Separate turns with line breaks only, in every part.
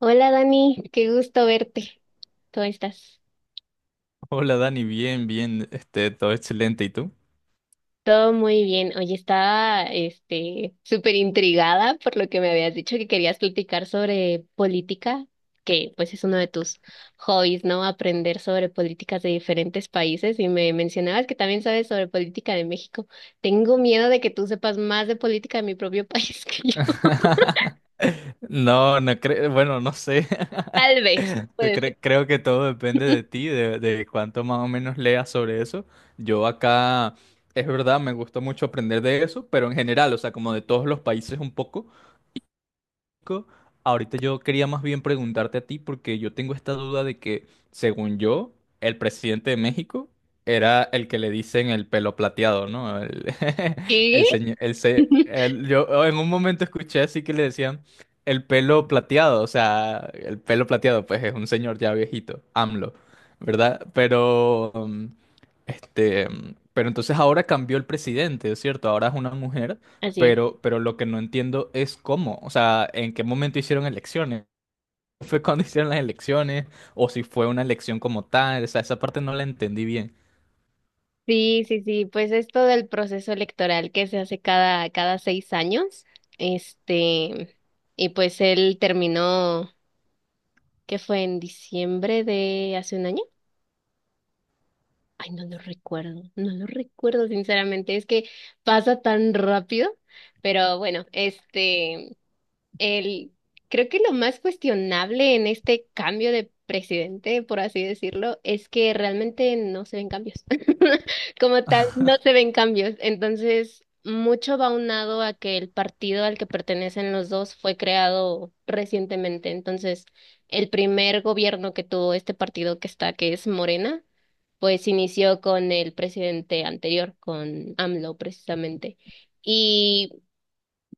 Hola Dani, qué gusto verte. ¿Cómo estás?
Hola Dani, bien, bien, todo excelente, ¿y tú?
Todo muy bien. Oye, estaba súper intrigada por lo que me habías dicho que querías platicar sobre política, que pues es uno de tus hobbies, ¿no? Aprender sobre políticas de diferentes países y me mencionabas que también sabes sobre política de México. Tengo miedo de que tú sepas más de política de mi propio país que yo.
No, no creo, bueno, no sé.
Tal vez, puede ser.
Creo que todo depende de ti, de cuánto más o menos leas sobre eso. Yo acá, es verdad, me gusta mucho aprender de eso, pero en general, o sea, como de todos los países un poco. Ahorita yo quería más bien preguntarte a ti porque yo tengo esta duda de que, según yo, el presidente de México era el que le dicen el pelo plateado, ¿no?
¿Qué?
El señor, el, se- el- yo oh, en un momento escuché así que le decían el pelo plateado, o sea, el pelo plateado, pues es un señor ya viejito, AMLO, ¿verdad? Pero entonces ahora cambió el presidente, ¿es cierto? Ahora es una mujer.
Así es.
Pero lo que no entiendo es cómo, o sea, en qué momento hicieron elecciones. ¿Fue cuando hicieron las elecciones? ¿O si fue una elección como tal? O sea, esa parte no la entendí bien.
Sí, sí, sí, pues esto del proceso electoral que se hace cada 6 años, este, y pues él terminó, ¿qué fue? ¿En diciembre de hace un año? Ay, no lo recuerdo, no lo recuerdo sinceramente, es que pasa tan rápido, pero bueno, El, creo que lo más cuestionable en este cambio de presidente, por así decirlo, es que realmente no se ven cambios. Como tal, no se ven cambios. Entonces, mucho va aunado a que el partido al que pertenecen los dos fue creado recientemente. Entonces, el primer gobierno que tuvo este partido que está, que es Morena, pues inició con el presidente anterior, con AMLO precisamente.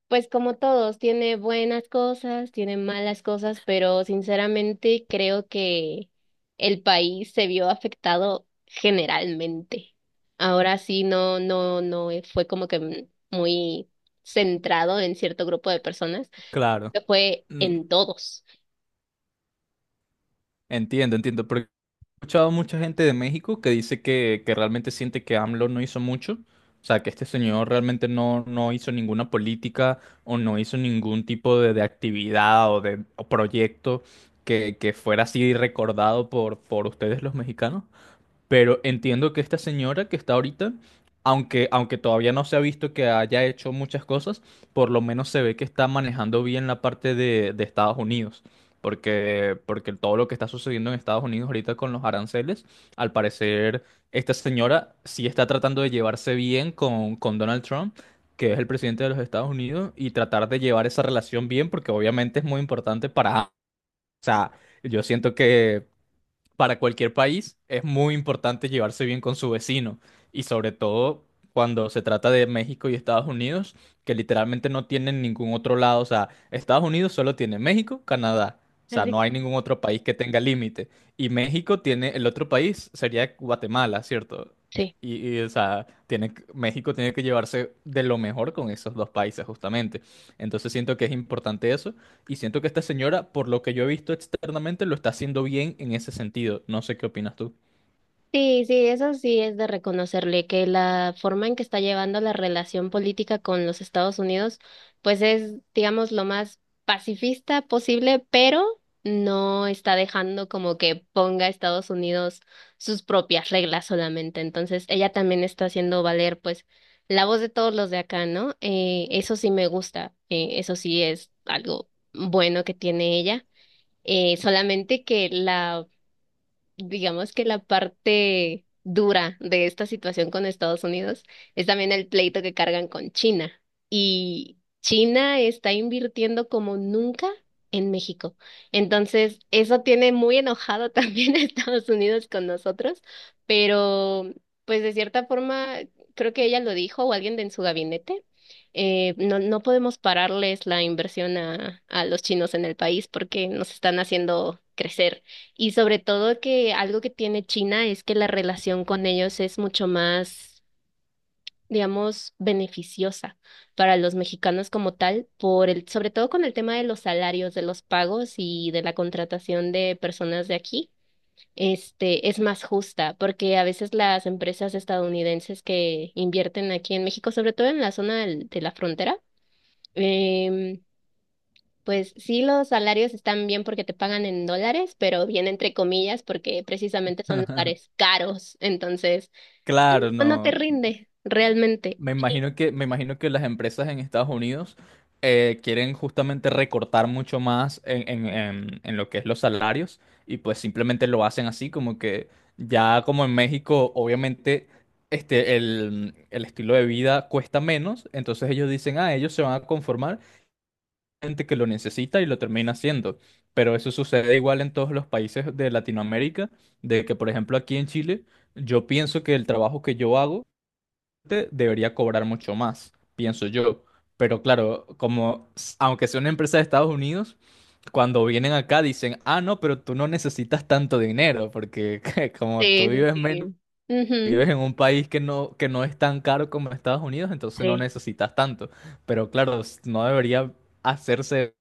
Pues como todos, tiene buenas cosas, tiene malas cosas, pero sinceramente creo que el país se vio afectado generalmente. Ahora sí, no, no, no fue como que muy centrado en cierto grupo de personas,
Claro.
que fue
Mm,
en todos.
entiendo, entiendo. Porque he escuchado mucha gente de México que dice que realmente siente que AMLO no hizo mucho. O sea, que este señor realmente no, no hizo ninguna política o no hizo ningún tipo de actividad o proyecto que fuera así recordado por ustedes los mexicanos. Pero entiendo que esta señora que está ahorita, aunque todavía no se ha visto que haya hecho muchas cosas, por lo menos se ve que está manejando bien la parte de Estados Unidos. Porque todo lo que está sucediendo en Estados Unidos ahorita con los aranceles, al parecer esta señora sí está tratando de llevarse bien con Donald Trump, que es el presidente de los Estados Unidos, y tratar de llevar esa relación bien, porque obviamente es muy importante para... O sea, yo siento que para cualquier país es muy importante llevarse bien con su vecino y sobre todo cuando se trata de México y Estados Unidos, que literalmente no tienen ningún otro lado, o sea, Estados Unidos solo tiene México, Canadá, o sea, no
Así.
hay ningún otro país que tenga límite y México tiene, el otro país sería Guatemala, ¿cierto?
Sí.
Y, o sea, tiene, que- México tiene que llevarse de lo mejor con esos dos países justamente. Entonces siento que es importante eso y siento que esta señora, por lo que yo he visto externamente, lo está haciendo bien en ese sentido. No sé qué opinas tú.
Sí, sí, eso sí es de reconocerle que la forma en que está llevando la relación política con los Estados Unidos, pues es, digamos, lo más pacifista posible, pero no está dejando como que ponga a Estados Unidos sus propias reglas solamente. Entonces, ella también está haciendo valer, pues, la voz de todos los de acá, ¿no? Eso sí me gusta, eso sí es algo bueno que tiene ella. Solamente que la digamos que la parte dura de esta situación con Estados Unidos es también el pleito que cargan con China. Y China está invirtiendo como nunca en México. Entonces, eso tiene muy enojado también a Estados Unidos con nosotros, pero pues de cierta forma, creo que ella lo dijo o alguien de en su gabinete. No, no podemos pararles la inversión a los chinos en el país porque nos están haciendo crecer. Y sobre todo que algo que tiene China es que la relación con ellos es mucho más, digamos, beneficiosa para los mexicanos como tal, por el, sobre todo con el tema de los salarios, de los pagos y de la contratación de personas de aquí. Este, es más justa, porque a veces las empresas estadounidenses que invierten aquí en México, sobre todo en la zona de la frontera, em, pues sí, los salarios están bien porque te pagan en dólares, pero bien entre comillas porque precisamente son lugares caros, entonces
Claro,
no, no te
no.
rinde realmente.
Me imagino que las empresas en Estados Unidos quieren justamente recortar mucho más en lo que es los salarios y pues simplemente lo hacen así, como que ya como en México, obviamente, el estilo de vida cuesta menos, entonces ellos dicen, ah, ellos se van a conformar gente que lo necesita y lo termina haciendo. Pero eso sucede igual en todos los países de Latinoamérica, de que, por ejemplo, aquí en Chile, yo pienso que el trabajo que yo hago debería cobrar mucho más, pienso yo. Pero claro, aunque sea una empresa de Estados Unidos, cuando vienen acá dicen, ah, no, pero tú no necesitas tanto dinero, porque como tú
Sí, sí,
vives menos,
sí. Ujú.
vives en un país que no es tan caro como Estados Unidos, entonces no
Sí,
necesitas tanto. Pero claro, no debería hacerse,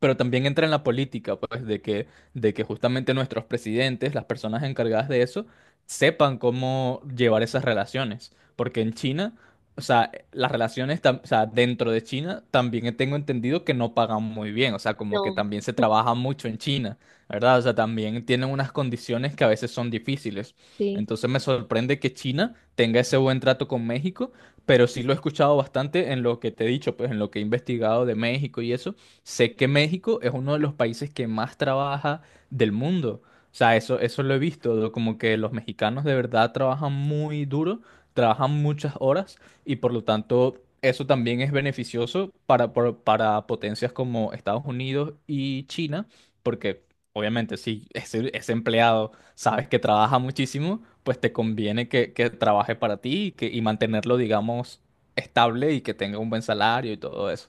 pero también entra en la política, pues, de que justamente nuestros presidentes, las personas encargadas de eso, sepan cómo llevar esas relaciones. Porque en China, o sea, las relaciones, o sea, dentro de China, también tengo entendido que no pagan muy bien, o sea, como que
no,
también se trabaja mucho en China, ¿verdad? O sea, también tienen unas condiciones que a veces son difíciles.
sí,
Entonces me sorprende que China tenga ese buen trato con México, pero sí lo he escuchado bastante en lo que te he dicho, pues en lo que he investigado de México y eso. Sé que México es uno de los países que más trabaja del mundo. O sea, eso lo he visto, como que los mexicanos de verdad trabajan muy duro, trabajan muchas horas y por lo tanto eso también es beneficioso para potencias como Estados Unidos y China, porque obviamente si ese, ese empleado sabes que trabaja muchísimo, pues te conviene que trabaje para ti y, y mantenerlo, digamos, estable y que tenga un buen salario y todo eso.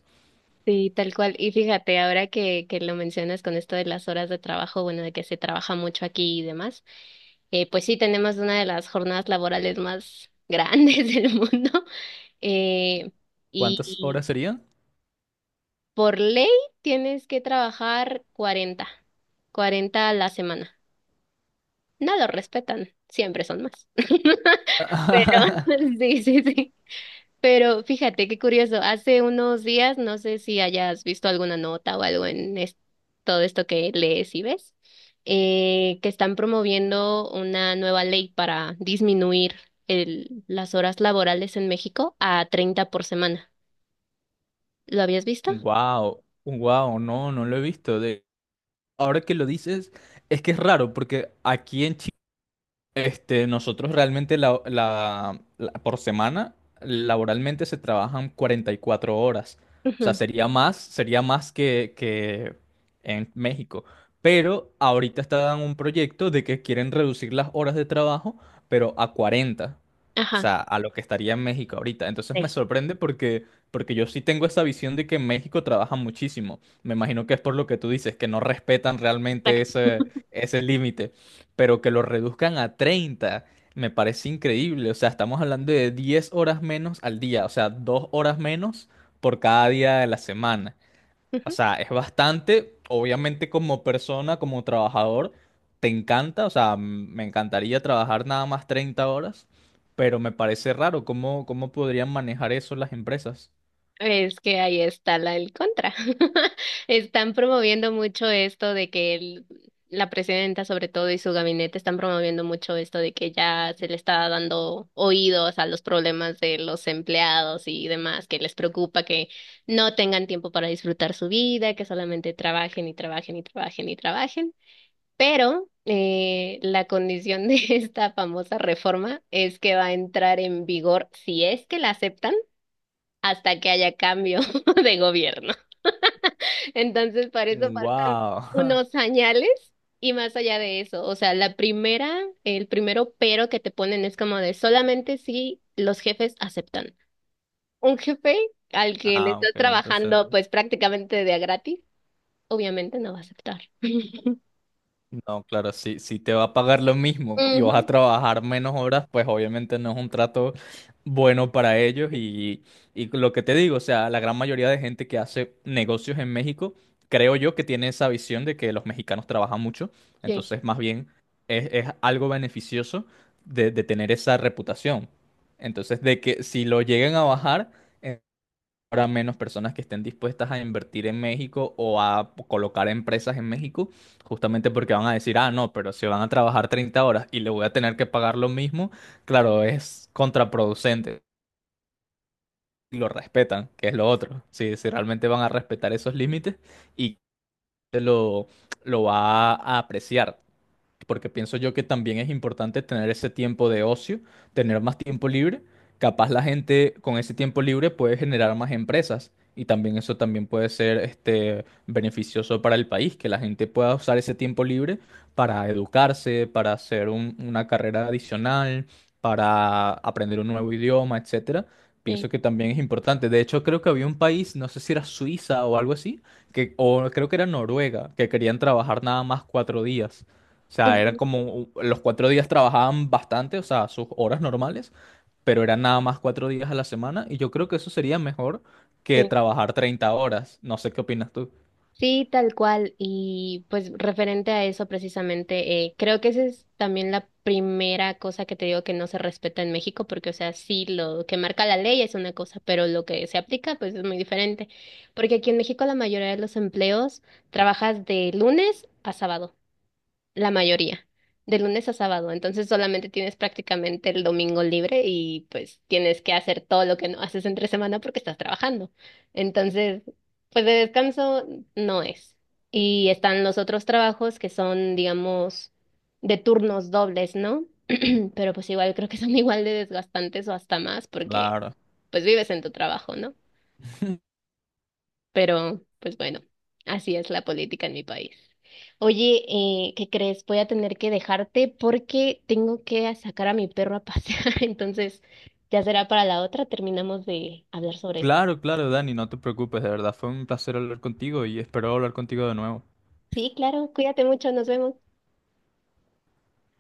sí, tal cual. Y fíjate, ahora que lo mencionas con esto de las horas de trabajo, bueno, de que se trabaja mucho aquí y demás, pues sí, tenemos una de las jornadas laborales más grandes del mundo. Eh,
¿Cuántas
y,
horas serían?
Por ley tienes que trabajar 40 a la semana. No lo respetan, siempre son más. Pero sí, sí, sí. Pero fíjate qué curioso, hace unos días, no sé si hayas visto alguna nota o algo en todo esto que lees y ves, que están promoviendo una nueva ley para disminuir las horas laborales en México a 30 por semana. ¿Lo habías visto?
Wow, wow, no, no lo he visto. De, ahora que lo dices, es que es raro porque aquí en Chile, nosotros realmente por semana laboralmente se trabajan 44 horas. O sea,
Ujú.
sería más que en México. Pero ahorita están en un proyecto de que quieren reducir las horas de trabajo, pero a 40. O
Ajá.
sea, a lo que estaría en México ahorita. Entonces me
Sí,
sorprende porque, porque yo sí tengo esa visión de que en México trabajan muchísimo. Me imagino que es por lo que tú dices, que no respetan realmente
exacto.
ese, ese límite, pero que lo reduzcan a 30 me parece increíble. O sea, estamos hablando de 10 horas menos al día, o sea, 2 horas menos por cada día de la semana. O sea, es bastante, obviamente como persona, como trabajador, te encanta, o sea, me encantaría trabajar nada más 30 horas, pero me parece raro cómo, cómo podrían manejar eso las empresas.
Es que ahí está el contra. Están promoviendo mucho esto de que la presidenta, sobre todo, y su gabinete están promoviendo mucho esto de que ya se le está dando oídos a los problemas de los empleados y demás, que les preocupa que no tengan tiempo para disfrutar su vida, que solamente trabajen y trabajen y trabajen y trabajen. Pero la condición de esta famosa reforma es que va a entrar en vigor, si es que la aceptan hasta que haya cambio de gobierno. Entonces, para eso faltan
Wow.
unos señales y más allá de eso, o sea, el primero pero que te ponen es como de solamente si los jefes aceptan. Un jefe al que le
Ah, ok,
estás
entonces
trabajando pues prácticamente de a gratis, obviamente no va a aceptar.
no, claro, si, si te va a pagar lo mismo y vas a
Ujú.
trabajar menos horas, pues obviamente no es un trato bueno para ellos. Y lo que te digo, o sea, la gran mayoría de gente que hace negocios en México, creo yo que tiene esa visión de que los mexicanos trabajan mucho.
Sí,
Entonces, más bien, es algo beneficioso de tener esa reputación. Entonces, de que si lo lleguen a bajar, habrá menos personas que estén dispuestas a invertir en México o a colocar empresas en México, justamente porque van a decir, ah, no, pero si van a trabajar 30 horas y le voy a tener que pagar lo mismo, claro, es contraproducente. Y lo respetan, que es lo otro. Si, si realmente van a respetar esos límites y lo, lo va a apreciar, porque pienso yo que también es importante tener ese tiempo de ocio, tener más tiempo libre. Capaz la gente con ese tiempo libre puede generar más empresas y también eso también puede ser beneficioso para el país, que la gente pueda usar ese tiempo libre para educarse, para hacer una carrera adicional, para aprender un nuevo idioma, etcétera.
sí.
Pienso que también es importante. De hecho, creo que había un país, no sé si era Suiza o algo así, que, o creo que era Noruega, que querían trabajar nada más cuatro días. O sea, eran
Ujú,
como los cuatro días trabajaban bastante, o sea, sus horas normales, pero eran nada más cuatro días a la semana y yo creo que eso sería mejor que
sí.
trabajar 30 horas. No sé qué opinas tú.
Sí, tal cual. Y pues referente a eso precisamente, creo que esa es también la primera cosa que te digo que no se respeta en México, porque o sea, sí, lo que marca la ley es una cosa, pero lo que se aplica pues es muy diferente. Porque aquí en México la mayoría de los empleos trabajas de lunes a sábado la mayoría, de lunes a sábado. Entonces solamente tienes prácticamente el domingo libre y pues tienes que hacer todo lo que no haces entre semana porque estás trabajando. Entonces, pues de descanso no es. Y están los otros trabajos que son, digamos, de turnos dobles, ¿no? Pero pues igual creo que son igual de desgastantes o hasta más porque
Claro.
pues vives en tu trabajo, ¿no? Pero, pues bueno, así es la política en mi país. Oye, ¿qué crees? Voy a tener que dejarte porque tengo que sacar a mi perro a pasear. Entonces, ya será para la otra. Terminamos de hablar sobre esto.
Claro, claro, Dani, no te preocupes, de verdad fue un placer hablar contigo y espero hablar contigo de nuevo.
Sí, claro, cuídate mucho, nos vemos.